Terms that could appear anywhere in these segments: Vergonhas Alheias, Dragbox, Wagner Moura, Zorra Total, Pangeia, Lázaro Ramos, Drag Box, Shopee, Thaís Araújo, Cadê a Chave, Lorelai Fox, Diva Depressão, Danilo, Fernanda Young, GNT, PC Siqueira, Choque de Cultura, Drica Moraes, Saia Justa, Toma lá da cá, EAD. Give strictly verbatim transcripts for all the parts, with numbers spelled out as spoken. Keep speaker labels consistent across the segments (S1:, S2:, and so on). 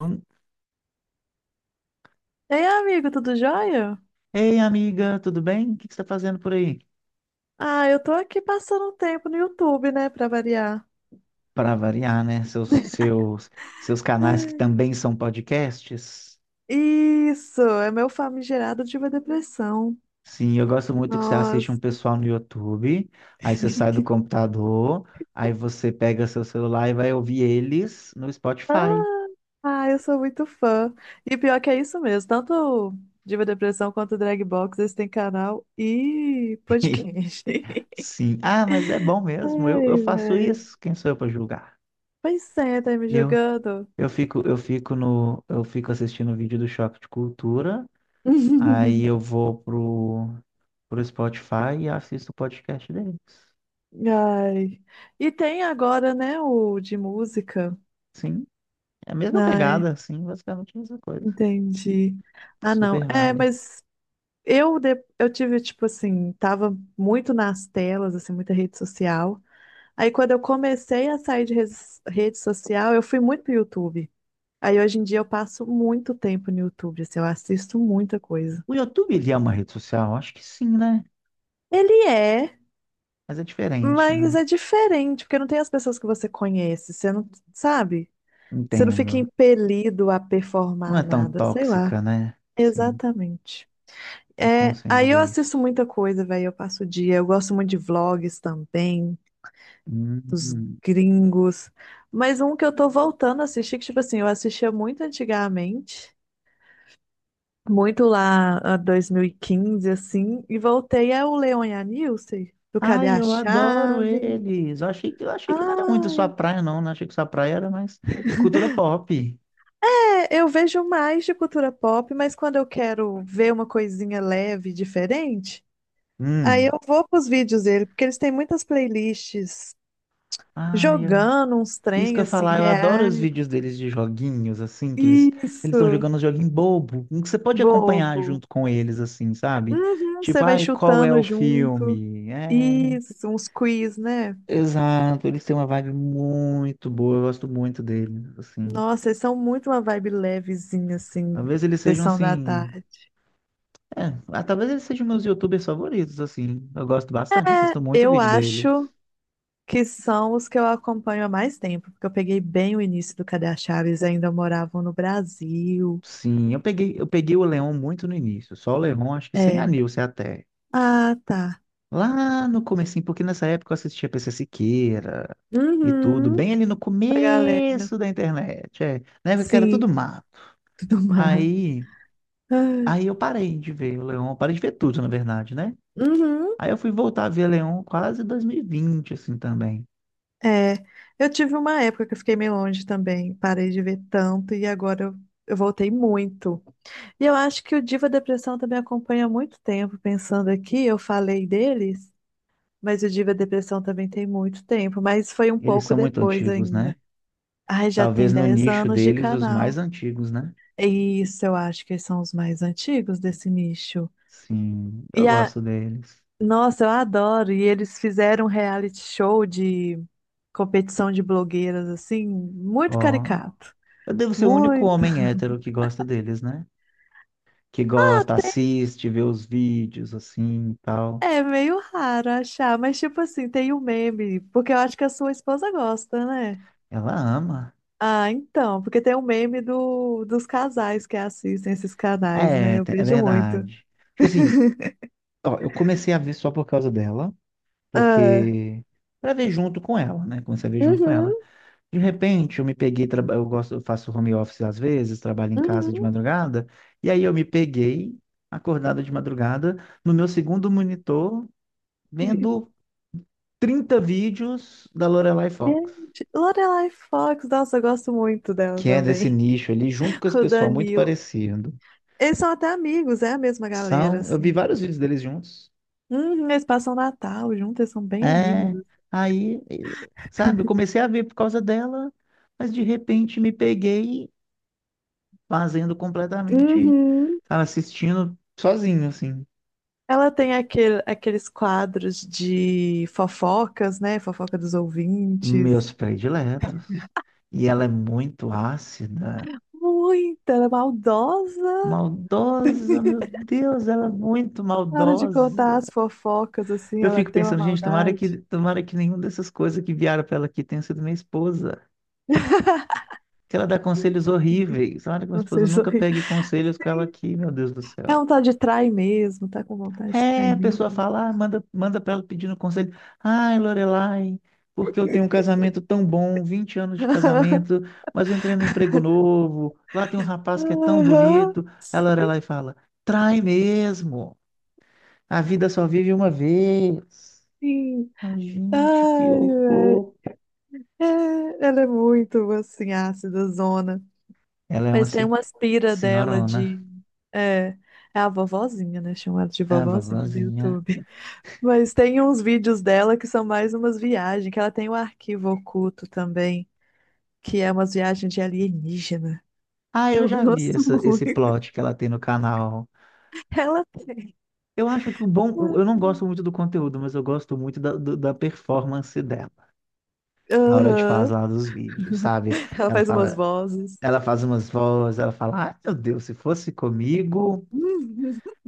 S1: Hum.
S2: Ei, amigo, tudo jóia?
S1: Ei, amiga, tudo bem? O que que você está fazendo por aí?
S2: Ah, eu tô aqui passando um tempo no YouTube, né, pra variar.
S1: Para variar, né? Seus, seus, seus canais que também são podcasts.
S2: Isso, é meu famigerado Diva Depressão.
S1: Sim, eu gosto muito que você assiste um
S2: Nossa.
S1: pessoal no YouTube, aí você sai do computador, aí você pega seu celular e vai ouvir eles no Spotify.
S2: Ah, ah, eu sou muito fã. E pior que é isso mesmo, tanto o Diva Depressão quanto o Drag Box, eles têm canal e podcast.
S1: Sim. Ah, mas é bom mesmo. Eu, eu
S2: Ai,
S1: faço
S2: velho.
S1: isso. Quem sou eu para julgar?
S2: Pois é, tá me
S1: Eu,
S2: julgando?
S1: eu fico, eu fico no, eu fico assistindo o vídeo do Choque de Cultura. Aí eu vou pro, pro Spotify e assisto o podcast deles.
S2: Ai. E tem agora, né, o de música.
S1: Sim, é a mesma
S2: Ai.
S1: pegada, sim, basicamente a mesma coisa.
S2: Entendi. Ah, não.
S1: Super
S2: É,
S1: vale.
S2: mas eu, de- eu tive, tipo assim, tava muito nas telas, assim, muita rede social. Aí quando eu comecei a sair de res- rede social, eu fui muito pro YouTube. Aí hoje em dia eu passo muito tempo no YouTube, assim, eu assisto muita coisa.
S1: O YouTube, ele é uma rede social? Acho que sim, né?
S2: Ele é,
S1: Mas é diferente,
S2: mas
S1: né?
S2: é diferente, porque não tem as pessoas que você conhece, você não, sabe? Você não fica
S1: Entendo.
S2: impelido a
S1: Não
S2: performar
S1: é tão
S2: nada, sei lá.
S1: tóxica, né? Sim,
S2: Exatamente.
S1: eu
S2: É,
S1: consigo
S2: aí eu
S1: ver
S2: assisto
S1: isso.
S2: muita coisa, velho. Eu passo o dia. Eu gosto muito de vlogs também, dos
S1: Hum.
S2: gringos. Mas um que eu tô voltando a assistir, que, tipo assim, eu assistia muito antigamente, muito lá ah, dois mil e quinze, assim, e voltei é o Leon e a Nilce, do Cadê
S1: Ai,
S2: a
S1: eu adoro
S2: Chave?
S1: eles. Eu achei que, eu achei que não era muito sua
S2: Ah,
S1: praia, não. Não achei que sua praia era mais cultura pop.
S2: é, eu vejo mais de cultura pop, mas quando eu quero ver uma coisinha leve, e diferente, aí
S1: Hum.
S2: eu vou pros vídeos dele, porque eles têm muitas playlists
S1: Ai, eu...
S2: jogando uns
S1: Isso que
S2: trem
S1: eu ia
S2: assim,
S1: falar, eu adoro os
S2: reais.
S1: vídeos deles de joguinhos, assim, que eles eles estão
S2: Isso,
S1: jogando um joguinho bobo, em que você pode acompanhar
S2: bobo.
S1: junto com eles, assim, sabe?
S2: Uhum,
S1: Tipo,
S2: você vai
S1: ai, qual é
S2: chutando
S1: o
S2: junto.
S1: filme? É,
S2: Isso, uns quiz, né?
S1: exato, eles têm uma vibe muito boa, eu gosto muito deles, assim.
S2: Nossa, eles são muito uma vibe levezinha, assim,
S1: Talvez eles sejam,
S2: sessão da
S1: assim,
S2: tarde.
S1: é, ah, talvez eles sejam meus YouTubers favoritos, assim. Eu gosto bastante,
S2: É,
S1: assisto muito
S2: eu
S1: vídeo deles.
S2: acho que são os que eu acompanho há mais tempo, porque eu peguei bem o início do Cadê a Chaves, ainda moravam no Brasil.
S1: Sim, eu peguei, eu peguei o Leon muito no início, só o Leon, acho que sem a
S2: É.
S1: Nilce até.
S2: Ah, tá.
S1: Lá no comecinho, porque nessa época eu assistia P C Siqueira e tudo,
S2: Uhum,
S1: bem ali no
S2: a galera.
S1: começo da internet, é, na época que era
S2: Sim,
S1: tudo mato.
S2: tudo mais.
S1: Aí,
S2: Ah,
S1: aí eu parei de ver o Leon, parei de ver tudo, na verdade, né?
S2: uhum.
S1: Aí eu fui voltar a ver Leon quase dois mil e vinte, assim, também.
S2: É, eu tive uma época que eu fiquei meio longe também, parei de ver tanto e agora eu, eu voltei muito. E eu acho que o Diva Depressão também acompanha há muito tempo, pensando aqui, eu falei deles, mas o Diva Depressão também tem muito tempo, mas foi um
S1: Eles
S2: pouco
S1: são muito
S2: depois
S1: antigos, né?
S2: ainda. Ai, já
S1: Talvez
S2: tem
S1: no
S2: dez
S1: nicho
S2: anos de
S1: deles, os mais
S2: canal.
S1: antigos, né?
S2: E Isso, eu acho que eles são os mais antigos desse nicho.
S1: Sim, eu
S2: E a,
S1: gosto deles.
S2: nossa, eu adoro, e eles fizeram um reality show de competição de blogueiras, assim,
S1: Ó,
S2: muito caricato.
S1: eu devo ser o único
S2: Muito.
S1: homem hétero que gosta deles, né? Que gosta,
S2: Tem-
S1: assiste, vê os vídeos assim e tal.
S2: É meio raro achar, mas tipo assim, tem o meme, porque eu acho que a sua esposa gosta, né?
S1: Ela ama.
S2: Ah, então, porque tem o meme do, dos casais que assistem esses canais, né?
S1: É,
S2: Eu
S1: te- é
S2: vejo muito.
S1: verdade. Tipo assim, ó, eu comecei a ver só por causa dela,
S2: Ah,
S1: porque pra ver junto com ela, né? Comecei a ver junto com
S2: uhum,
S1: ela. De repente, eu me peguei, traba- eu gosto, eu faço home office às vezes, trabalho em casa de
S2: uhum.
S1: madrugada, e aí eu me peguei acordado de madrugada no meu segundo monitor vendo trinta vídeos da Lorelai Fox,
S2: Gente, Lorelai Fox, nossa, eu gosto muito dela
S1: que é desse
S2: também.
S1: nicho ali, junto com esse
S2: O
S1: pessoal muito
S2: Danilo.
S1: parecido.
S2: Eles são até amigos, é a mesma galera,
S1: São, eu vi
S2: assim.
S1: vários vídeos deles juntos.
S2: Uhum, eles passam Natal juntos, eles são bem
S1: É,
S2: amigos.
S1: aí, eh, sabe, eu comecei a ver por causa dela, mas de repente me peguei fazendo completamente,
S2: Uhum.
S1: sabe, assistindo sozinho, assim,
S2: Ela tem aquele, aqueles quadros de fofocas, né? Fofoca dos ouvintes.
S1: meus prediletos. E ela é muito ácida,
S2: Muita, ela é maldosa.
S1: maldosa, meu Deus, ela é muito
S2: Na hora de contar
S1: maldosa.
S2: as fofocas, assim,
S1: Eu
S2: ela
S1: fico
S2: tem uma
S1: pensando, gente, tomara
S2: maldade.
S1: que, tomara que nenhuma dessas coisas que vieram pra ela aqui tenha sido minha esposa. Que ela dá conselhos horríveis. Olha que minha esposa
S2: Vocês
S1: nunca
S2: sorri.
S1: pegue conselhos com ela
S2: Sim.
S1: aqui, meu Deus do
S2: É
S1: céu.
S2: um tal de trai mesmo, tá com vontade de trair
S1: É, a pessoa
S2: mesmo.
S1: fala, ah, manda, manda para ela pedindo conselho. Ai, Lorelai, porque eu tenho um casamento tão bom, vinte anos de casamento, mas eu entrei no emprego novo, lá tem um rapaz que é tão
S2: Aham,
S1: bonito. A Lorelai fala, trai mesmo, a vida só vive uma vez.
S2: sim.
S1: Ah, gente, que
S2: Ai, velho.
S1: horror.
S2: É, ela é muito, assim, ácida, zona.
S1: Ela é uma
S2: Mas tem
S1: assim,
S2: umas pira dela
S1: senhorona,
S2: de. É, é a vovozinha, né? Chama ela de
S1: a
S2: vovozinha do
S1: vovozinha.
S2: YouTube. Mas tem uns vídeos dela que são mais umas viagens, que ela tem um arquivo oculto também, que é umas viagens de alienígena.
S1: Ah,
S2: Que
S1: eu
S2: Eu
S1: já vi
S2: gosto
S1: essa, esse
S2: muito.
S1: plot que ela tem no canal.
S2: Ela tem.
S1: Eu acho que o bom. o- Eu não gosto muito do conteúdo, mas eu gosto muito da, do- da performance dela na hora de
S2: Aham.
S1: fazer lá dos vídeos, sabe?
S2: Ela
S1: Ela
S2: faz umas
S1: fala,
S2: vozes.
S1: ela faz umas vozes, ela fala, ah, meu Deus, se fosse comigo.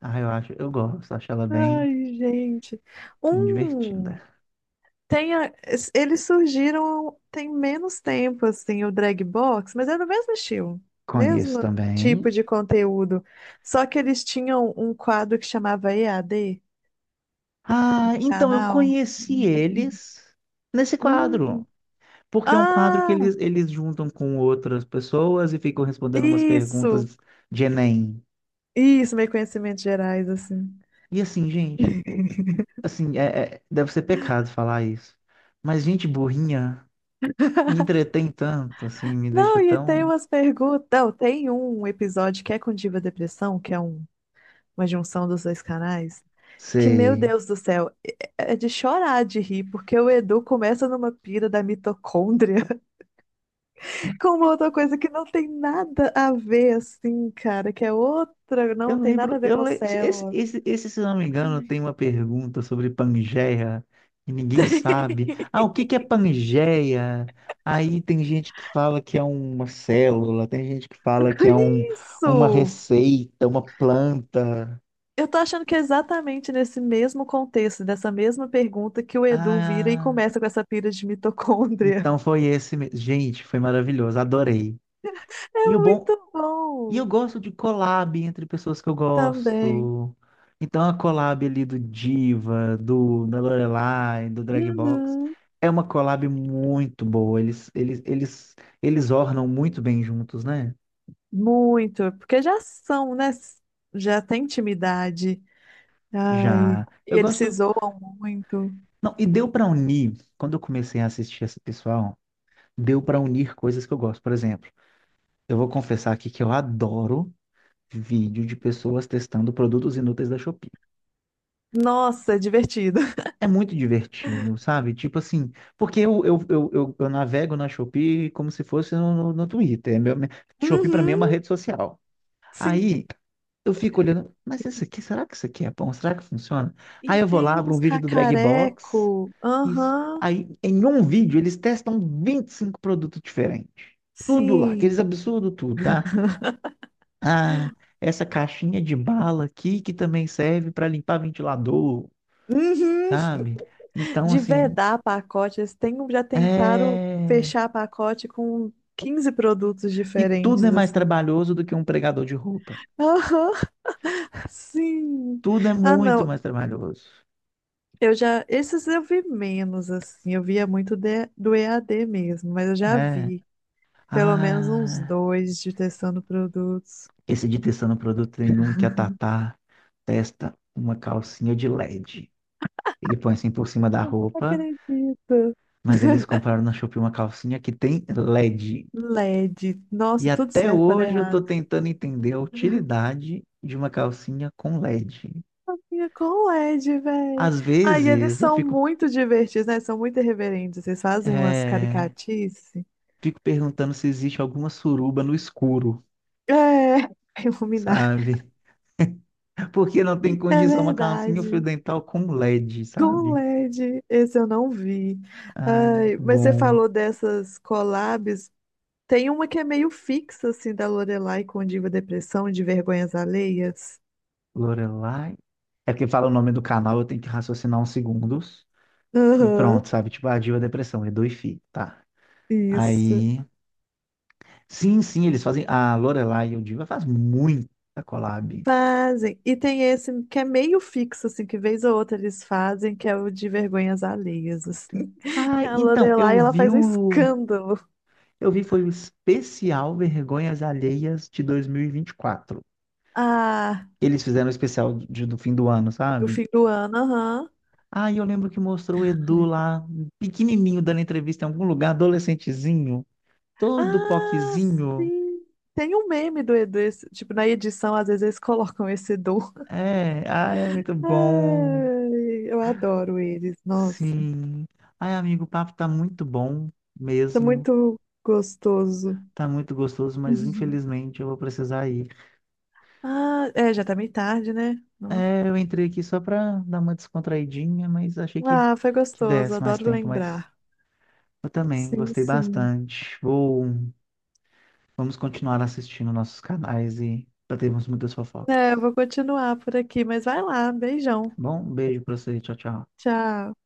S1: Ah, eu acho, eu gosto, acho ela bem
S2: Ai, gente.
S1: divertida.
S2: Um. Tem a- es- eles surgiram tem menos tempo, assim, o drag box, mas era o mesmo estilo,
S1: Conheço
S2: mesmo tipo
S1: também.
S2: de conteúdo. Só que eles tinham um quadro que chamava E A D,
S1: Ah, então eu
S2: canal.
S1: conheci eles nesse quadro.
S2: Hum.
S1: Porque é um quadro que
S2: Ah,
S1: eles, eles juntam com outras pessoas e ficam respondendo umas
S2: isso,
S1: perguntas de Enem.
S2: isso, meio conhecimentos gerais, assim.
S1: E assim, gente, assim, é, é- deve ser pecado falar isso. Mas gente burrinha me entretém tanto, assim, me deixa
S2: Não, e tem
S1: tão.
S2: umas perguntas. Não, tem um episódio que é com Diva Depressão, que é um- uma junção dos dois canais. Que, meu
S1: Sei.
S2: Deus do céu, é é, é de chorar de rir, porque o Edu começa numa pira da mitocôndria com uma outra coisa que não tem nada a ver, assim, cara, que é outra,
S1: Eu
S2: não tem nada a
S1: lembro,
S2: ver
S1: eu
S2: com o
S1: le- esse,
S2: célula.
S1: esse, esse, se eu não me engano,
S2: Ai.
S1: tem uma pergunta sobre Pangeia e ninguém sabe. Ah, o que que é Pangeia? Aí tem gente que fala que é uma célula, tem gente que fala que é um, uma
S2: Isso!
S1: receita, uma planta.
S2: Eu tô achando que é exatamente nesse mesmo contexto, dessa mesma pergunta, que o Edu vira e
S1: Ah,
S2: começa com essa pira de mitocôndria.
S1: então foi esse mesmo. Gente, foi maravilhoso, adorei.
S2: É
S1: E o bom,
S2: muito
S1: E eu
S2: bom
S1: gosto de collab entre pessoas que eu
S2: também.
S1: gosto. Então, a collab ali do Diva, do, da Lorelai, do Dragbox,
S2: Uhum.
S1: é uma collab muito boa. Eles, eles, eles, eles ornam muito bem juntos, né?
S2: Muito, porque já são, né? Já tem intimidade. Ai,
S1: Já. Eu
S2: e eles se
S1: gosto.
S2: zoam muito.
S1: Não, e deu pra unir, quando eu comecei a assistir esse pessoal, deu pra unir coisas que eu gosto. Por exemplo, eu vou confessar aqui que eu adoro vídeo de pessoas testando produtos inúteis da Shopee.
S2: Nossa, é divertido.
S1: É muito divertido, sabe? Tipo assim, porque eu, eu, eu, eu, eu navego na Shopee como se fosse no, no, no Twitter. É Meu, minha- Shopee pra mim é uma
S2: Uhum,
S1: rede social.
S2: sim.
S1: Aí eu fico olhando, mas isso aqui, será que isso aqui é bom? Será que funciona? Aí
S2: E
S1: eu vou lá,
S2: tem
S1: abro um
S2: uns
S1: vídeo do Drag Box.
S2: cacareco.
S1: Isso.
S2: Aham,
S1: Aí em um vídeo eles testam vinte e cinco produtos diferentes. Tudo lá, aqueles
S2: sim.
S1: absurdos, tudo. Ah, ah, essa caixinha de bala aqui que também serve para limpar ventilador,
S2: Uhum.
S1: sabe? Então,
S2: De
S1: assim.
S2: vedar pacotes. Tem, um- já tentaram
S1: É.
S2: fechar pacote com quinze produtos
S1: E
S2: diferentes,
S1: tudo é mais
S2: assim.
S1: trabalhoso do que um pregador de roupa.
S2: Aham, sim.
S1: Tudo é
S2: Ah,
S1: muito
S2: não.
S1: mais trabalhoso.
S2: Eu já, esses eu vi menos, assim, eu via muito de- do E A D mesmo, mas eu já
S1: É.
S2: vi pelo menos uns
S1: Ah,
S2: dois de testando produtos.
S1: esse de testando produto tem um que a Tatá testa uma calcinha de LED. Ele põe assim por cima da
S2: Não
S1: roupa,
S2: acredito.
S1: mas eles compraram na Shopee uma calcinha que tem LED.
S2: L E D.
S1: E
S2: Nossa, tudo
S1: até
S2: certo para dar
S1: hoje eu tô
S2: errado.
S1: tentando entender a utilidade de uma calcinha com LED.
S2: Amiga, com L E D, velho.
S1: Às
S2: Ai, e eles
S1: vezes eu
S2: são
S1: fico,
S2: muito divertidos, né? São muito irreverentes. Eles fazem umas
S1: é,
S2: caricatices.
S1: fico perguntando se existe alguma suruba no escuro,
S2: É, iluminar.
S1: sabe? Porque não tem
S2: É
S1: condição uma calcinha um fio
S2: verdade.
S1: dental com LED,
S2: Com
S1: sabe?
S2: L E D, esse eu não vi.
S1: Ai,
S2: Ai,
S1: muito
S2: mas você
S1: bom.
S2: falou dessas collabs. Tem uma que é meio fixa, assim, da Lorelai com Diva Depressão, de Vergonhas Alheias.
S1: Lorelai. É porque fala o nome do canal, eu tenho que raciocinar uns segundos. E
S2: Aham,
S1: pronto, sabe? Tipo, a Diva Depressão, é dois fi, tá?
S2: isso.
S1: Aí. Sim, sim, eles fazem. A Lorelai e o Diva faz muita collab.
S2: Fazem. E tem esse que é meio fixo, assim, que vez ou outra eles fazem, que é o de Vergonhas Alheias, assim.
S1: Ah,
S2: E a
S1: então, eu
S2: Lorelai, ela
S1: vi
S2: faz um
S1: o.
S2: escândalo.
S1: Eu vi, foi o especial Vergonhas Alheias de dois mil e vinte e quatro.
S2: Ah,
S1: Eles fizeram o especial de- do fim do ano,
S2: do
S1: sabe?
S2: fim do ano, aham.
S1: Ah, eu lembro que mostrou o Edu lá, pequenininho, dando entrevista em algum lugar, adolescentezinho, todo
S2: Ah,
S1: poquezinho.
S2: sim. Tem um meme do Edu, esse- tipo, na edição, às vezes eles colocam esse Edu.
S1: É, ah, é muito bom.
S2: Ai, eu adoro eles, nossa.
S1: Sim. Ai, amigo, o papo tá muito bom
S2: Tá
S1: mesmo.
S2: muito gostoso.
S1: Tá muito gostoso, mas infelizmente eu vou precisar ir.
S2: Ah, é, já tá meio tarde, né? Não.
S1: É, eu entrei aqui só pra dar uma descontraidinha, mas achei que,
S2: Ah, foi
S1: que
S2: gostoso,
S1: desse mais
S2: adoro
S1: tempo, mas
S2: lembrar.
S1: eu também
S2: Sim,
S1: gostei
S2: sim.
S1: bastante. Vou, vamos continuar assistindo nossos canais e já muitas fofocas.
S2: É, eu vou continuar por aqui, mas vai lá, beijão.
S1: Bom, um beijo pra você. Tchau, tchau.
S2: Tchau.